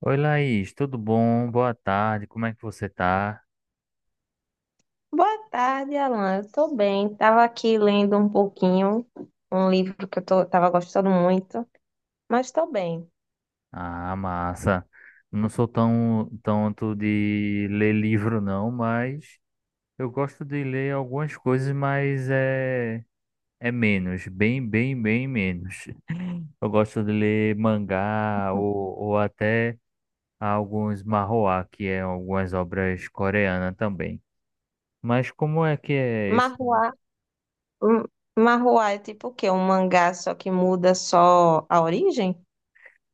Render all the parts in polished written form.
Oi, Laís, tudo bom? Boa tarde, como é que você tá? Boa tarde, Alan. Eu tô bem. Tava aqui lendo um pouquinho, um livro que tava gostando muito, mas tô bem. Ah, massa. Não sou tão tanto de ler livro, não, mas eu gosto de ler algumas coisas, mas é, é menos, bem menos. Eu gosto de ler mangá ou até alguns manhwa, que é algumas obras coreanas também. Mas como é que é esse? Marruá, hum, Marruá é tipo o quê? Um mangá só que muda só a origem?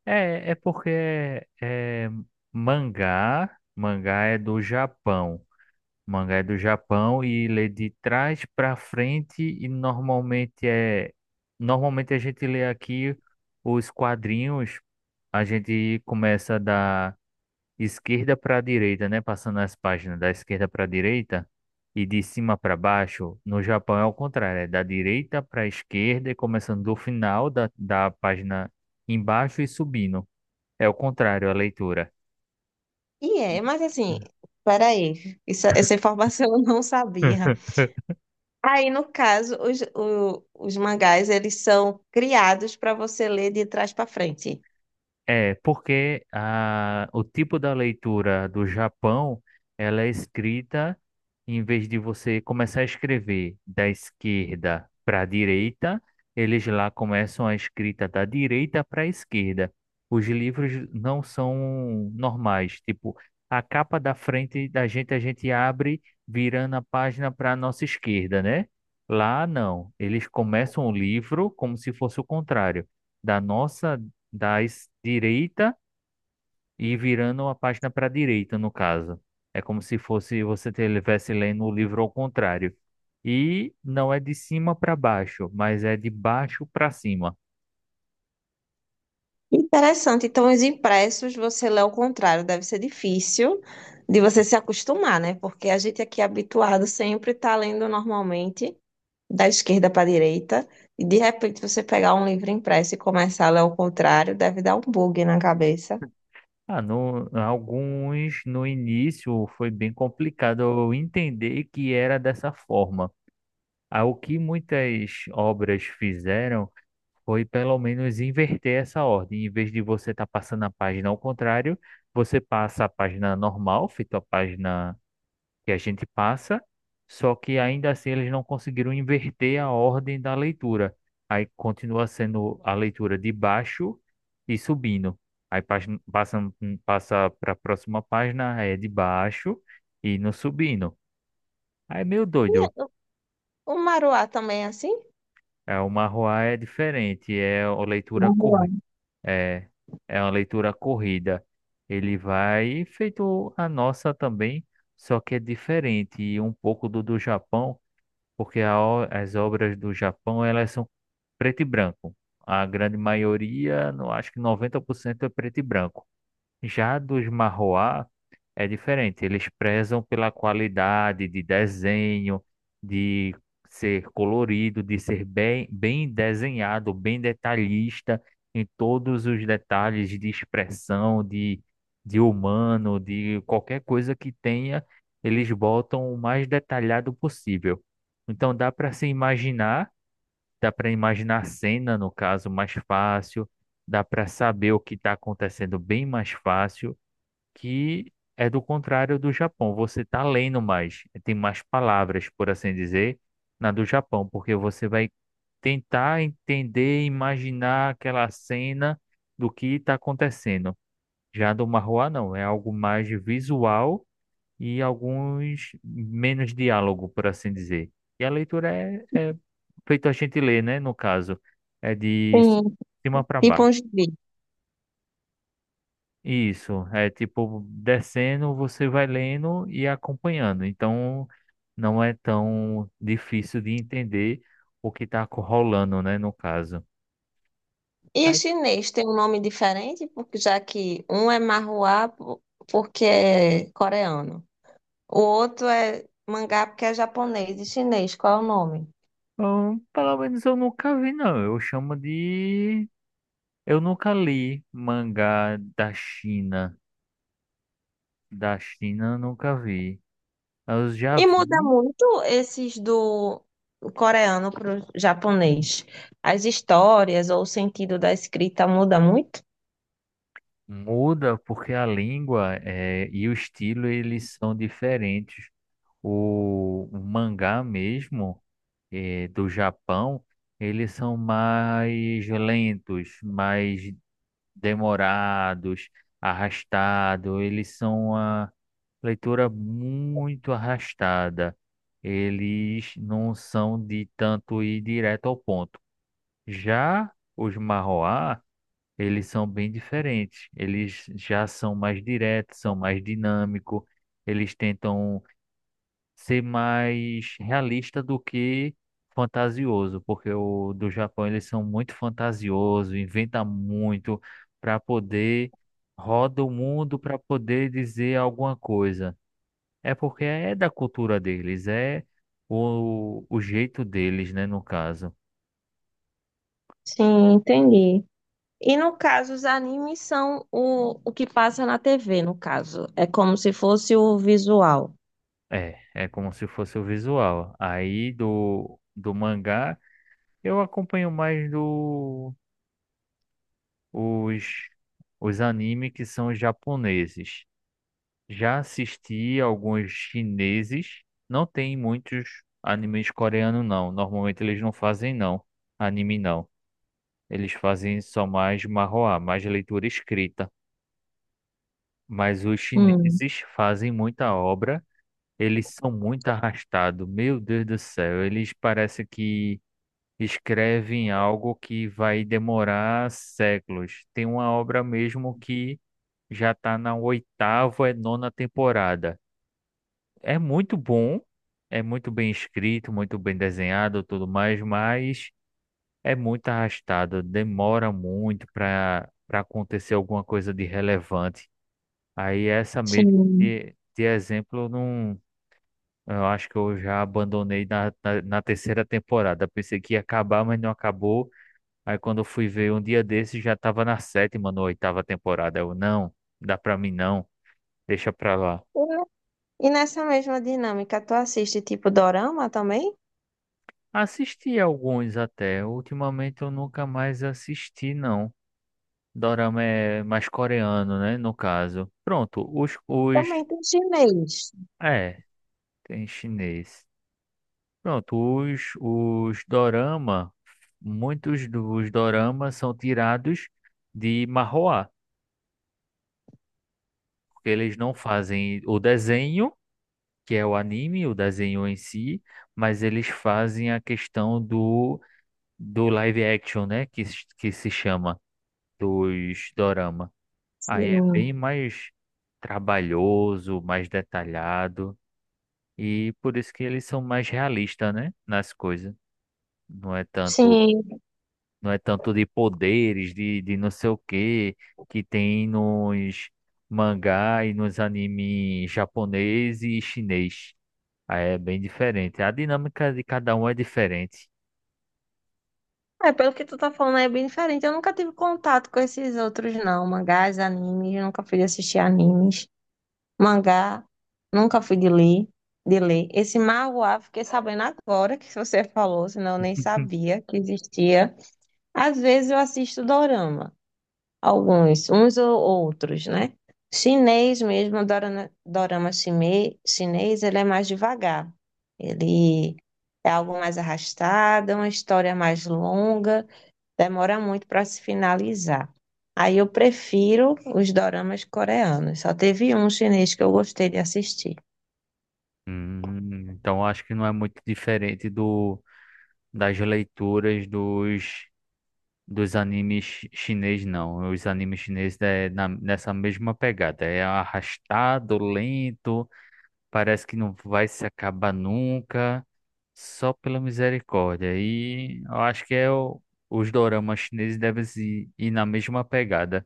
É, é porque é, mangá é do Japão. Mangá é do Japão e lê de trás para frente e normalmente a gente lê aqui os quadrinhos, a gente começa da esquerda para a direita, né, passando as páginas da esquerda para a direita e de cima para baixo. No Japão é o contrário, é da direita para a esquerda e começando do final da página embaixo e subindo. É o contrário, a leitura. E é, mas assim, peraí, isso, essa informação eu não sabia. Aí, no caso, os mangás, eles são criados para você ler de trás para frente. É, porque a, o tipo da leitura do Japão, ela é escrita, em vez de você começar a escrever da esquerda para a direita, eles lá começam a escrita da direita para a esquerda. Os livros não são normais, tipo, a capa da frente da gente a gente abre virando a página para a nossa esquerda, né? Lá não, eles começam o livro como se fosse o contrário da nossa da es- direita e virando uma página para a direita, no caso. É como se fosse você estivesse lendo o livro ao contrário. E não é de cima para baixo, mas é de baixo para cima. Interessante. Então, os impressos você lê ao contrário, deve ser difícil de você se acostumar, né? Porque a gente aqui é habituado sempre está lendo normalmente da esquerda para a direita, e de repente você pegar um livro impresso e começar a ler ao contrário, deve dar um bug na cabeça. Ah, no, alguns no início foi bem complicado eu entender que era dessa forma. Ah, o que muitas obras fizeram foi pelo menos inverter essa ordem. Em vez de você estar passando a página ao contrário, você passa a página normal, feito a página que a gente passa, só que ainda assim eles não conseguiram inverter a ordem da leitura. Aí continua sendo a leitura de baixo e subindo. Aí passa, passa para a próxima página, é de baixo e no subindo. Aí é meio E doido. o maruá também é assim? É uma rua é diferente, é uma leitura cor, Vamos. é, é uma leitura corrida. Ele vai feito a nossa também, só que é diferente e um pouco do Japão porque a o- as obras do Japão elas são preto e branco. A grande maioria, não acho que 90% é preto e branco. Já dos Marroá é diferente, eles prezam pela qualidade de desenho, de ser colorido, de ser bem desenhado, bem detalhista em todos os detalhes de expressão, de humano, de qualquer coisa que tenha, eles botam o mais detalhado possível. Então dá para se imaginar, dá para imaginar a cena, no caso, mais fácil, dá para saber o que está acontecendo bem mais fácil que é do contrário do Japão. Você está lendo mais, tem mais palavras, por assim dizer, na do Japão, porque você vai tentar entender, imaginar aquela cena do que está acontecendo. Já do Marroá, não, é algo mais visual e alguns menos diálogo, por assim dizer. E a leitura é, é feito a gente ler, né? No caso, é de Sim. cima para Tipo um baixo. gibi. Isso, é tipo descendo, você vai lendo e acompanhando. Então não é tão difícil de entender o que está rolando, né, no caso. E o Aí, chinês tem um nome diferente, porque já que um é marruá porque é coreano. O outro é mangá porque é japonês e chinês. Qual é o nome? bom, pelo menos eu nunca vi, não. Eu chamo de. Eu nunca li mangá da China. Da China eu nunca vi. Eu já E muda vi, muito esses do coreano para o japonês. As histórias ou o sentido da escrita muda muito? muda porque a língua é, e o estilo eles são diferentes. O mangá mesmo. Do Japão, eles são mais lentos, mais demorados, arrastados. Eles são uma leitura muito arrastada. Eles não são de tanto ir direto ao ponto. Já os Marroá, eles são bem diferentes. Eles já são mais diretos, são mais dinâmicos. Eles tentam ser mais realista do que fantasioso, porque o do Japão eles são muito fantasiosos, inventa muito para poder roda o mundo para poder dizer alguma coisa. É porque é da cultura deles, é o jeito deles, né, no caso. Sim, entendi. E no caso, os animes são o que passa na TV, no caso. É como se fosse o visual. É, é como se fosse o visual. Aí do mangá eu acompanho mais do os os anime que são os japoneses. Já assisti alguns chineses. Não tem muitos animes coreanos, não. Normalmente eles não fazem, não. Anime, não. Eles fazem só mais manhwa, mais leitura escrita. Mas os Hum, chineses fazem muita obra. Eles são muito arrastados. Meu Deus do céu. Eles parecem que escrevem algo que vai demorar séculos. Tem uma obra mesmo que já está na oitava e nona temporada. É muito bom, é muito bem escrito, muito bem desenhado, tudo mais, mas é muito arrastado, demora muito para acontecer alguma coisa de relevante. Aí essa mesmo sim. de exemplo, eu não, eu acho que eu já abandonei na terceira temporada. Pensei que ia acabar, mas não acabou. Aí quando eu fui ver um dia desses já estava na sétima, na oitava temporada. Eu, não, dá para mim não, deixa para lá. E ne- e nessa mesma dinâmica, tu assiste tipo dorama também? Assisti alguns até. Ultimamente eu nunca mais assisti, não. Dorama é mais coreano, né? No caso. Pronto, os... Também tem chinês. É, tem chinês. Pronto, os dorama, muitos dos doramas são tirados de manhwa, porque eles não fazem o desenho, que é o anime, o desenho em si, mas eles fazem a questão do live action, né? Que se chama dos dorama. Aí é bem Sim. mais trabalhoso, mais detalhado e por isso que eles são mais realistas, né, nas coisas. Não é tanto, Sim. não é tanto de poderes, de não sei o quê que tem nos mangá e nos anime japonês e chinês. Aí é bem diferente. A dinâmica de cada um é diferente. É, pelo que tu tá falando, é bem diferente. Eu nunca tive contato com esses outros, não. Mangás, animes, eu nunca fui de assistir animes. Mangá, nunca fui de ler, de ler. Esse manhwa, fiquei sabendo agora que você falou, senão eu nem sabia que existia. Às vezes eu assisto dorama, alguns, uns ou outros, né? Chinês mesmo, dorama, chinês, ele é mais devagar. Ele é algo mais arrastado, é uma história mais longa, demora muito para se finalizar. Aí eu prefiro os doramas coreanos. Só teve um chinês que eu gostei de assistir. Então acho que não é muito diferente do das leituras dos dos animes chi- chinês, não. Os animes chineses é na- nessa mesma pegada. É arrastado, lento, parece que não vai se acabar nunca, só pela misericórdia. E eu acho que é o- os doramas chineses devem se ir na mesma pegada.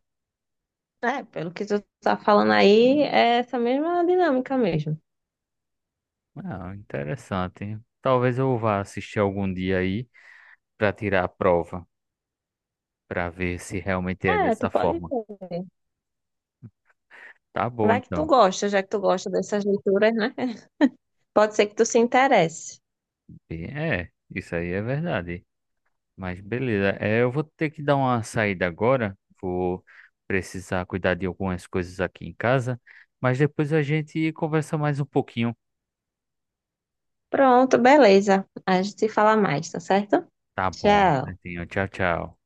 É, pelo que tu tá falando aí, é essa mesma dinâmica mesmo. Ah, interessante. Talvez eu vá assistir algum dia aí para tirar a prova, para ver se realmente é É, tu dessa pode forma. ver. Tá bom, Vai que tu então. gosta, já que tu gosta dessas leituras, né? Pode ser que tu se interesse. É, isso aí é verdade. Mas beleza, é, eu vou ter que dar uma saída agora. Vou precisar cuidar de algumas coisas aqui em casa. Mas depois a gente conversa mais um pouquinho. Pronto, beleza. A gente se fala mais, tá certo? Tá bom, Tchau. Netinho. Tchau, tchau.